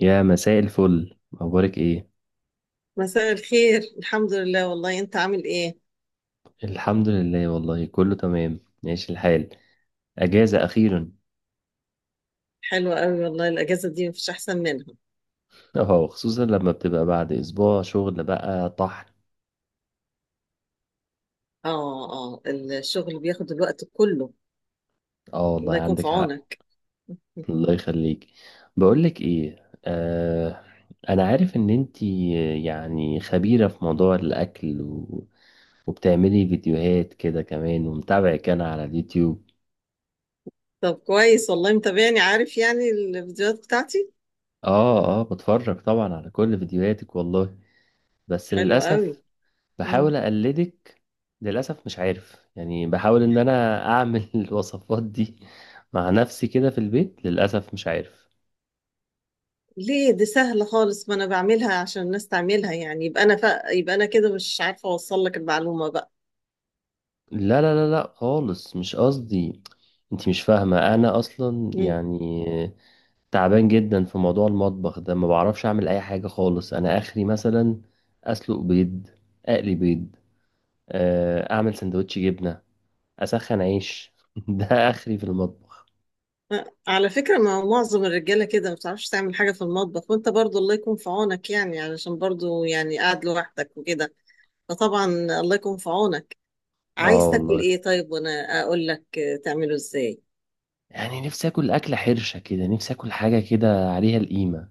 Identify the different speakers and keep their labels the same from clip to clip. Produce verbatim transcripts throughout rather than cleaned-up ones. Speaker 1: يا مساء الفل، اخبارك ايه؟
Speaker 2: مساء الخير. الحمد لله والله، انت عامل ايه؟
Speaker 1: الحمد لله، والله كله تمام، ماشي الحال. اجازه اخيرا.
Speaker 2: حلوة قوي والله، الاجازة دي مفيش احسن منها.
Speaker 1: اه، خصوصا لما بتبقى بعد اسبوع شغل بقى طحن.
Speaker 2: اه اه الشغل بياخد الوقت كله.
Speaker 1: اه، والله
Speaker 2: الله يكون في
Speaker 1: عندك حق.
Speaker 2: عونك.
Speaker 1: الله يخليك. بقولك ايه، آه انا عارف ان انتي يعني خبيره في موضوع الاكل و... وبتعملي فيديوهات كده كمان، ومتابعك انا على اليوتيوب.
Speaker 2: طب كويس والله، متابعني، عارف يعني الفيديوهات بتاعتي.
Speaker 1: اه، اه، بتفرج طبعا على كل فيديوهاتك والله. بس
Speaker 2: حلوة قوي.
Speaker 1: للأسف
Speaker 2: مم.
Speaker 1: بحاول اقلدك. للاسف مش عارف، يعني بحاول ان انا اعمل الوصفات دي مع نفسي كده في البيت، للاسف مش عارف.
Speaker 2: ليه، دي سهلة خالص، ما انا بعملها عشان الناس تعملها، يعني يبقى انا ف... يبقى انا كده مش عارفة اوصل لك المعلومة بقى.
Speaker 1: لا، لا، لا، لا، خالص مش قصدي. انت مش فاهمه، انا اصلا
Speaker 2: مم.
Speaker 1: يعني تعبان جدا في موضوع المطبخ ده، ما بعرفش اعمل اي حاجه خالص. انا اخري مثلا اسلق بيض، اقلي بيض، آه، اعمل سندوتش جبنه، اسخن عيش ده اخري في المطبخ.
Speaker 2: آه، على فكرة، ما معظم الرجالة كده ما بتعرفش تعمل حاجة في المطبخ، وانت برضو الله يكون في عونك يعني، علشان برضو يعني قاعد لوحدك وكده. فطبعا، الله يكون في عونك. عايز
Speaker 1: اه،
Speaker 2: تاكل
Speaker 1: والله
Speaker 2: ايه طيب؟ وانا اقول لك آه، تعمله ازاي.
Speaker 1: يعني نفسي اكل اكله حرشه كده، نفسي اكل حاجه كده عليها القيمه.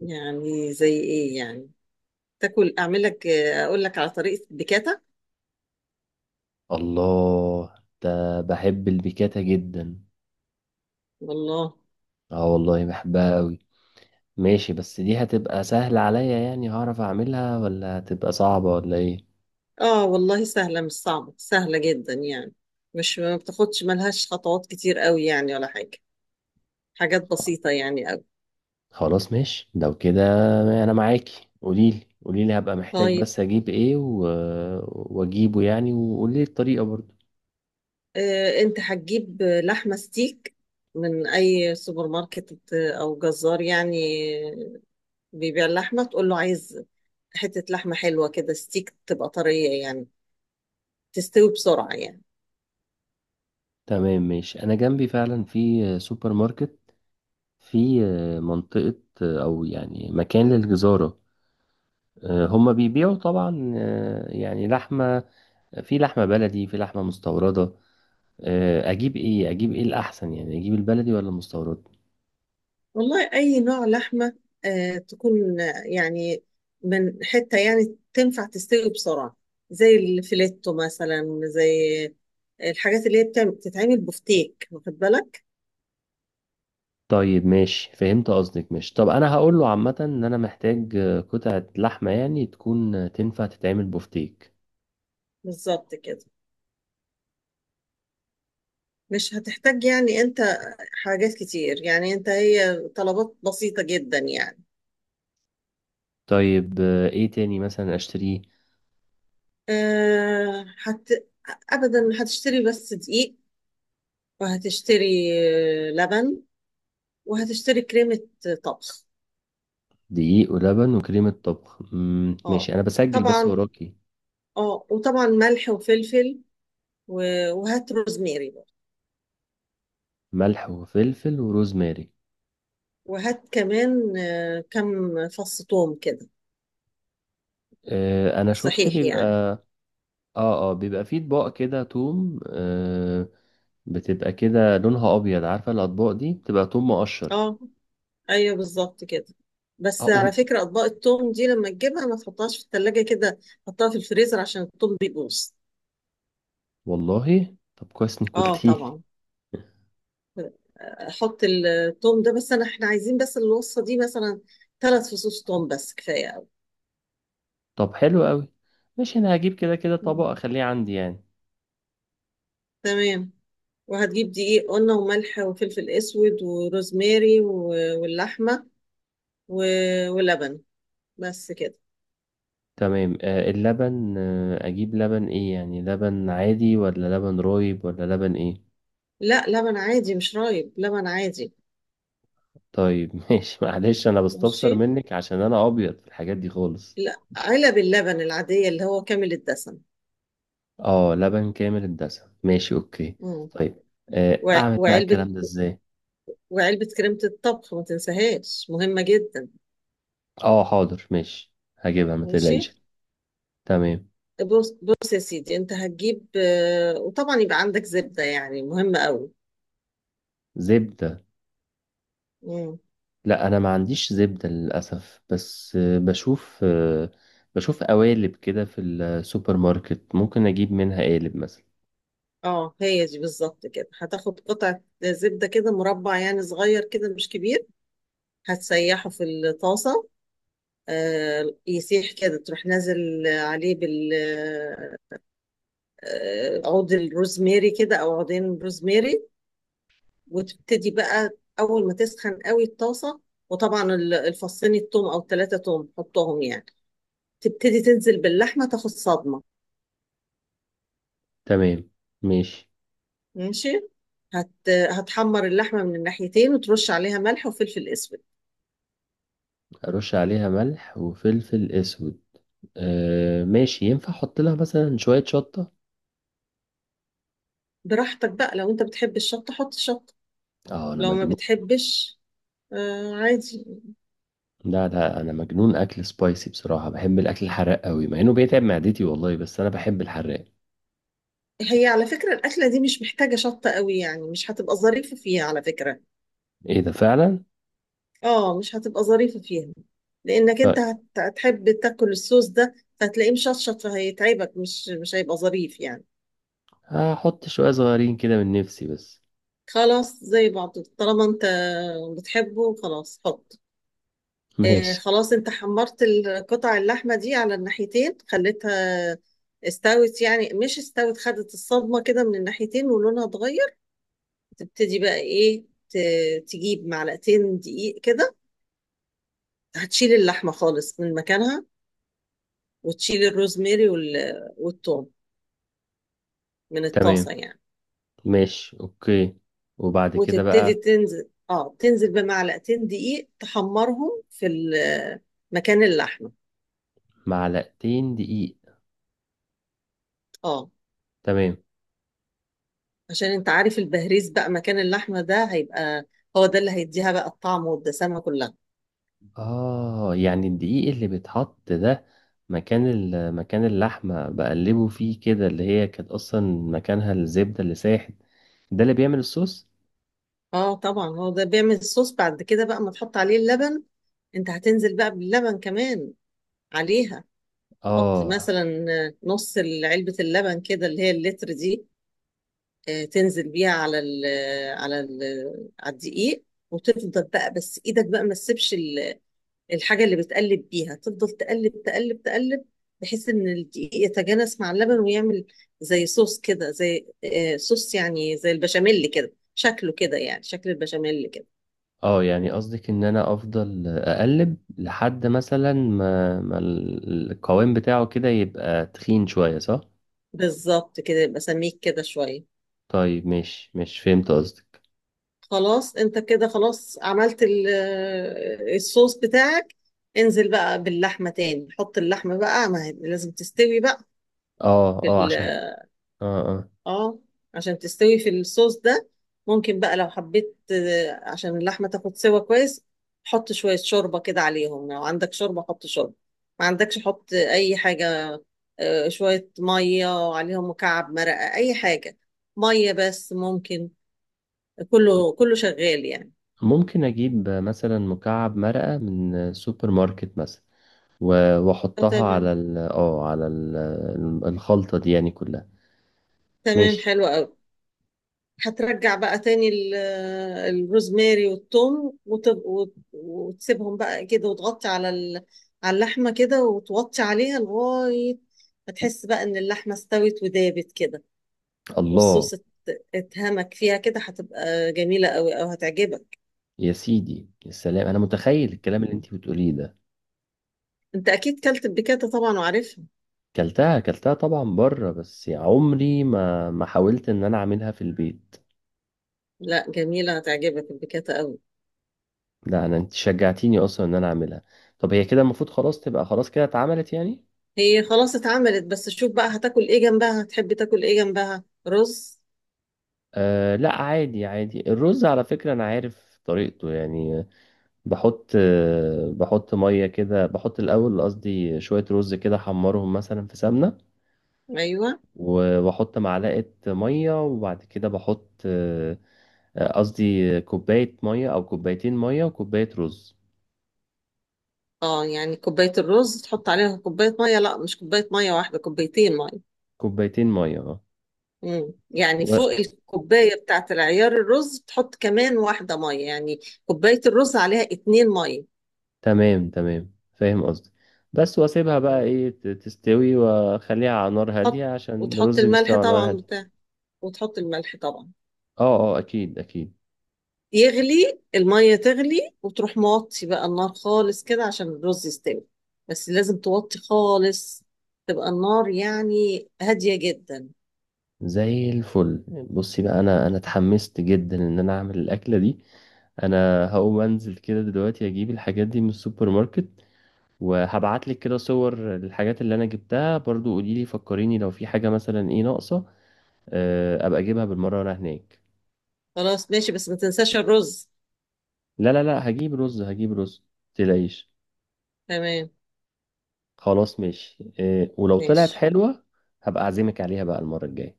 Speaker 2: يعني زي ايه يعني؟ تاكل، اعمل لك آه، اقول لك على طريقة البيكاتا.
Speaker 1: الله. ده بحب البيكاتا جدا.
Speaker 2: والله.
Speaker 1: اه، والله بحبها قوي. ماشي، بس دي هتبقى سهله عليا يعني هعرف اعملها، ولا هتبقى صعبه ولا ايه؟
Speaker 2: اه والله، سهلة مش صعبة، سهلة جدا يعني. مش، ما بتاخدش، ملهاش خطوات كتير قوي يعني ولا حاجة. حاجات بسيطة يعني قوي.
Speaker 1: خلاص، ماشي لو كده. انا معاكي، قوليلي قوليلي، هبقى محتاج
Speaker 2: طيب.
Speaker 1: بس اجيب ايه و... واجيبه يعني، وقولي الطريقه برضو.
Speaker 2: آه، انت هتجيب آه، لحمة ستيك، من اي سوبر ماركت آه، او جزار يعني، بيبيع اللحمة. تقول له: عايز حتة لحمة حلوة كده، ستيك، تبقى طرية يعني، تستوي بسرعة يعني.
Speaker 1: تمام، ماشي، انا جنبي فعلا في سوبر ماركت، في منطقه، او يعني مكان للجزاره. آه، هما بيبيعوا طبعا، آه، يعني لحمة، في لحمة بلدي، في لحمة مستوردة. آه، أجيب إيه، أجيب إيه الأحسن، يعني أجيب البلدي ولا المستورد؟
Speaker 2: والله، أي نوع لحمة آه، تكون آه، يعني من حتة يعني تنفع تستوي بسرعة، زي الفيليتو مثلا، زي الحاجات اللي هي بتعم- بتتعمل بفتيك، واخد بالك.
Speaker 1: طيب، ماشي، فهمت قصدك، ماشي، طب أنا هقول له عامة إن أنا محتاج آه، قطعة لحمة يعني تكون آه، تنفع تتعمل بفتيك.
Speaker 2: بالظبط كده. مش هتحتاج يعني انت حاجات كتير يعني، انت هي طلبات بسيطة جدا يعني.
Speaker 1: طيب، آه، إيه تاني مثلا أشتريه؟
Speaker 2: آه هت... أبدا، هتشتري بس دقيق، وهتشتري لبن، وهتشتري كريمة طبخ.
Speaker 1: دقيق ولبن وكريمة طبخ، مم،
Speaker 2: اه
Speaker 1: ماشي، أنا بسجل بس
Speaker 2: طبعا.
Speaker 1: وراكي.
Speaker 2: اه، وطبعا ملح وفلفل، و- وهات روزميري برضه.
Speaker 1: ملح وفلفل وروزماري.
Speaker 2: وهات كمان آه، كم فص ثوم كده،
Speaker 1: آه، أنا شفت
Speaker 2: صحيح
Speaker 1: بيبقى.
Speaker 2: يعني.
Speaker 1: اه، اه، بيبقى فيه اطباق كده توم، آه بتبقى كده لونها ابيض، عارفه الاطباق دي بتبقى توم مقشر.
Speaker 2: اه، ايوه، بالظبط كده. بس على
Speaker 1: اقول.
Speaker 2: فكرة، اطباق الثوم دي لما تجيبها ما تحطهاش في الثلاجة كده. حطها في الفريزر عشان الثوم بيبوظ.
Speaker 1: والله طب كويس انك
Speaker 2: اه
Speaker 1: قلتيلي.
Speaker 2: طبعا، حط الثوم ده. بس انا، احنا عايزين بس الوصفة دي مثلا ثلاث فصوص ثوم، بس كفاية.
Speaker 1: طب حلو قوي. ماشي، انا هجيب كده كده
Speaker 2: قوي.
Speaker 1: طبق، اخليه عندي يعني.
Speaker 2: تمام. وهتجيب دقيق قلنا، وملح، وفلفل اسود، وروزماري، و- واللحمه، و- ولبن. بس كده.
Speaker 1: تمام، آه اللبن، آه اجيب لبن ايه يعني؟ لبن عادي ولا لبن رايب ولا لبن ايه؟
Speaker 2: لا، لبن عادي، مش رايب، لبن عادي.
Speaker 1: طيب ماشي، معلش انا
Speaker 2: ماشي.
Speaker 1: بستفسر منك عشان انا ابيض في الحاجات دي خالص.
Speaker 2: لا، علب اللبن العاديه اللي هو كامل الدسم.
Speaker 1: اه، لبن كامل الدسم، ماشي، اوكي.
Speaker 2: مم.
Speaker 1: طيب. آه
Speaker 2: وع-
Speaker 1: اعمل بقى
Speaker 2: وعلبه
Speaker 1: الكلام ده ازاي؟
Speaker 2: وعلبه كريمه الطبخ، ما تنساهاش، مهمه جدا.
Speaker 1: اه، حاضر، ماشي. هجيبها، ما
Speaker 2: ماشي.
Speaker 1: تقلقيش. تمام.
Speaker 2: بص بص يا سيدي، انت هتجيب آه، وطبعا يبقى عندك زبده يعني، مهمه قوي.
Speaker 1: زبدة. لا، انا ما عنديش زبدة للأسف، بس آه، بشوف آه، بشوف قوالب كده في السوبر ماركت، ممكن اجيب منها قالب مثلا.
Speaker 2: اه، هي دي بالظبط كده. هتاخد قطعة زبدة كده، مربع يعني، صغير كده مش كبير. هتسيحه في الطاسة. آه، يسيح كده، تروح نازل عليه بال، آه، عود الروزماري كده، او عودين روزماري. وتبتدي بقى اول ما تسخن قوي الطاسة، وطبعا ال- الفصين التوم، او ثلاثة توم، حطهم يعني. تبتدي تنزل باللحمة، تاخد صدمة.
Speaker 1: تمام، ماشي.
Speaker 2: ماشي. هت... هتحمر اللحمة من الناحيتين، وترش عليها ملح وفلفل اسود.
Speaker 1: ارش عليها ملح وفلفل اسود. آه، ماشي، ينفع احط لها مثلا شوية شطة؟
Speaker 2: براحتك بقى، لو انت بتحب الشطة حط شطة،
Speaker 1: اه، انا
Speaker 2: لو ما
Speaker 1: مجنون.
Speaker 2: بتحبش، آه عادي.
Speaker 1: لا، لا، انا مجنون اكل سبايسي، بصراحة بحب الاكل الحراق قوي، مع انه بيتعب معدتي والله، بس انا بحب الحراق.
Speaker 2: هي على فكرة الأكلة دي مش محتاجة شطة قوي يعني، مش هتبقى ظريفة فيها على فكرة.
Speaker 1: ايه ده؟ فعلا.
Speaker 2: اه، مش هتبقى ظريفة فيها، لأنك انت
Speaker 1: طيب.
Speaker 2: هت- هتحب تاكل الصوص ده، فهتلاقيه مشطشط، فهيتعبك، مش مش هيبقى ظريف يعني.
Speaker 1: هحط شوية صغيرين كده من نفسي بس.
Speaker 2: خلاص، زي بعض، طالما انت بتحبه خلاص حط. آه،
Speaker 1: ماشي.
Speaker 2: خلاص انت حمرت القطع اللحمة دي على الناحيتين، خليتها استوت، يعني مش استوت، خدت الصدمة كده من الناحيتين، ولونها اتغير. تبتدي بقى ايه؟ ت- تجيب معلقتين دقيق كده، هتشيل اللحمة خالص من مكانها، وتشيل الروزماري وال- والثوم من
Speaker 1: تمام،
Speaker 2: الطاسة يعني.
Speaker 1: ماشي، اوكي. وبعد كده
Speaker 2: وتبتدي
Speaker 1: بقى.
Speaker 2: تنزل اه تنزل بمعلقتين دقيق، تحمرهم في ال- مكان اللحمة.
Speaker 1: معلقتين دقيق.
Speaker 2: اه،
Speaker 1: تمام.
Speaker 2: عشان انت عارف، البهريز بقى مكان اللحمة ده هيبقى هو ده اللي هيديها بقى الطعم والدسامة كلها.
Speaker 1: اه، يعني الدقيق اللي بيتحط ده مكان ال- مكان اللحمة، بقلبه فيه كده اللي هي كانت اصلا مكانها الزبدة اللي ساحت، ده اللي بيعمل الصوص.
Speaker 2: اه طبعا، هو ده بيعمل الصوص. بعد كده بقى ما تحط عليه اللبن، انت هتنزل بقى باللبن كمان عليها. حط
Speaker 1: اه،
Speaker 2: مثلا نص علبة اللبن كده، اللي هي اللتر دي. آه، تنزل بيها على ال على ال على الدقيق. وتفضل بقى، بس ايدك بقى ما تسيبش الحاجة اللي بتقلب بيها. تفضل تقلب تقلب تقلب، بحيث ان الدقيق يتجانس مع اللبن ويعمل زي صوص كده، زي آه، صوص يعني، زي البشاميل كده، شكله كده يعني، شكل البشاميل كده.
Speaker 1: اه، يعني قصدك ان انا افضل اقلب لحد مثلا ما, ما ال- القوام بتاعه كده يبقى تخين شوية، صح؟
Speaker 2: بالظبط كده، يبقى سميك كده شوية.
Speaker 1: طيب، ماشي ماشي، فهمت قصدك.
Speaker 2: خلاص، انت كده خلاص عملت ال- آه، الصوص بتاعك. انزل بقى باللحمة تاني، حط اللحمة بقى، ما هي لازم تستوي بقى
Speaker 1: اه،
Speaker 2: في،
Speaker 1: اه، عشان. اه، اه.
Speaker 2: اه عشان تستوي في الصوص ده. ممكن بقى لو حبيت، آه، عشان اللحمة تاخد سوا كويس، حط شوية شوربة كده عليهم. لو عندك شوربة حط شوربة، ما عندكش حط أي حاجة. آه، شوية مية عليهم، مكعب مرقة، أي حاجة، مية بس ممكن، كله كله شغال يعني.
Speaker 1: ممكن اجيب مثلا مكعب مرقة من سوبر ماركت مثلا، و-
Speaker 2: آه،
Speaker 1: واحطها على
Speaker 2: تمام.
Speaker 1: ال اه على ال الخلطة دي يعني كلها.
Speaker 2: تمام،
Speaker 1: ماشي.
Speaker 2: حلو قوي. هترجع بقى تاني ال- الروزماري والثوم، وتب- وت- وتسيبهم بقى كده، وتغطي على ال- على اللحمة كده، وتوطي عليها لغاية ما تحس بقى ان اللحمة استوت ودابت كده،
Speaker 1: الله.
Speaker 2: والصوص ات- اتهمك فيها كده. هتبقى جميلة قوي، او هتعجبك.
Speaker 1: يا سيدي، يا سلام، انا متخيل الكلام اللي انتي بتقوليه ده.
Speaker 2: انت اكيد كلت البيكاتا طبعا وعارفها.
Speaker 1: كلتها كلتها طبعا بره، بس يا عمري ما ما حاولت ان انا اعملها في البيت.
Speaker 2: لا، جميلة، هتعجبك البيكاتا قوي.
Speaker 1: لا، انا انت شجعتيني اصلا ان انا اعملها. طب، هي كده المفروض خلاص تبقى خلاص كده اتعملت يعني.
Speaker 2: هي خلاص اتعملت، بس شوف بقى هتاكل ايه جنبها؟ هتحب تاكل ايه جنبها؟ رز.
Speaker 1: أه، لا، عادي عادي، الرز على فكرة أنا عارف طريقته يعني. بحط أه بحط مية كده، بحط الأول، قصدي شوية رز كده أحمرهم مثلا في سمنة.
Speaker 2: ايوه.
Speaker 1: و- وأحط معلقة مية، وبعد كده بحط أه، أه، قصدي كوباية مية أو كوبايتين مية وكوباية رز.
Speaker 2: اه، يعني كوباية الرز تحط عليها كوباية مية، لا مش كوباية مية واحدة، كوبايتين مية.
Speaker 1: كوبايتين مية، اه.
Speaker 2: مم. يعني
Speaker 1: و...
Speaker 2: فوق الكوباية بتاعة العيار الرز تحط كمان واحدة مية يعني، كوباية الرز عليها اتنين مية.
Speaker 1: تمام تمام، فاهم قصدي. بس وأسيبها بقى،
Speaker 2: مم.
Speaker 1: إيه، ت- تستوي، وأخليها على نار هادية
Speaker 2: تحط
Speaker 1: عشان
Speaker 2: وتحط
Speaker 1: الرز بيستوي
Speaker 2: الملح
Speaker 1: على نار
Speaker 2: طبعا
Speaker 1: هادية.
Speaker 2: بتاع وتحط الملح طبعا.
Speaker 1: اه، اه، أكيد أكيد.
Speaker 2: يغلي المية، تغلي، وتروح موطي بقى النار خالص كده عشان الرز يستوي. بس لازم توطي خالص، تبقى النار يعني هادية جدا.
Speaker 1: زي الفل. بصي بقى، انا انا اتحمست جدا ان انا اعمل الاكله دي. انا هقوم انزل كده دلوقتي، اجيب الحاجات دي من السوبر ماركت. وهبعت لك كده صور الحاجات اللي انا جبتها، برضو قولي لي، فكريني لو في حاجه مثلا ايه ناقصه. آه، ابقى اجيبها بالمره وانا هناك.
Speaker 2: خلاص ماشي، بس ما تنساش الرز.
Speaker 1: لا، لا، لا، هجيب رز هجيب رز. متقلقيش.
Speaker 2: تمام.
Speaker 1: خلاص، ماشي، آه، ولو طلعت
Speaker 2: ماشي.
Speaker 1: حلوه هبقى اعزمك عليها بقى المره الجايه.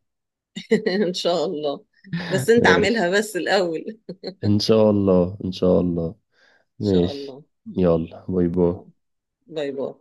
Speaker 2: ان شاء الله. بس انت
Speaker 1: ماشي.
Speaker 2: اعملها بس الاول، ان
Speaker 1: ان شاء الله، ان شاء الله.
Speaker 2: شاء
Speaker 1: ماشي.
Speaker 2: الله.
Speaker 1: يلا، باي باي.
Speaker 2: آه. باي باي.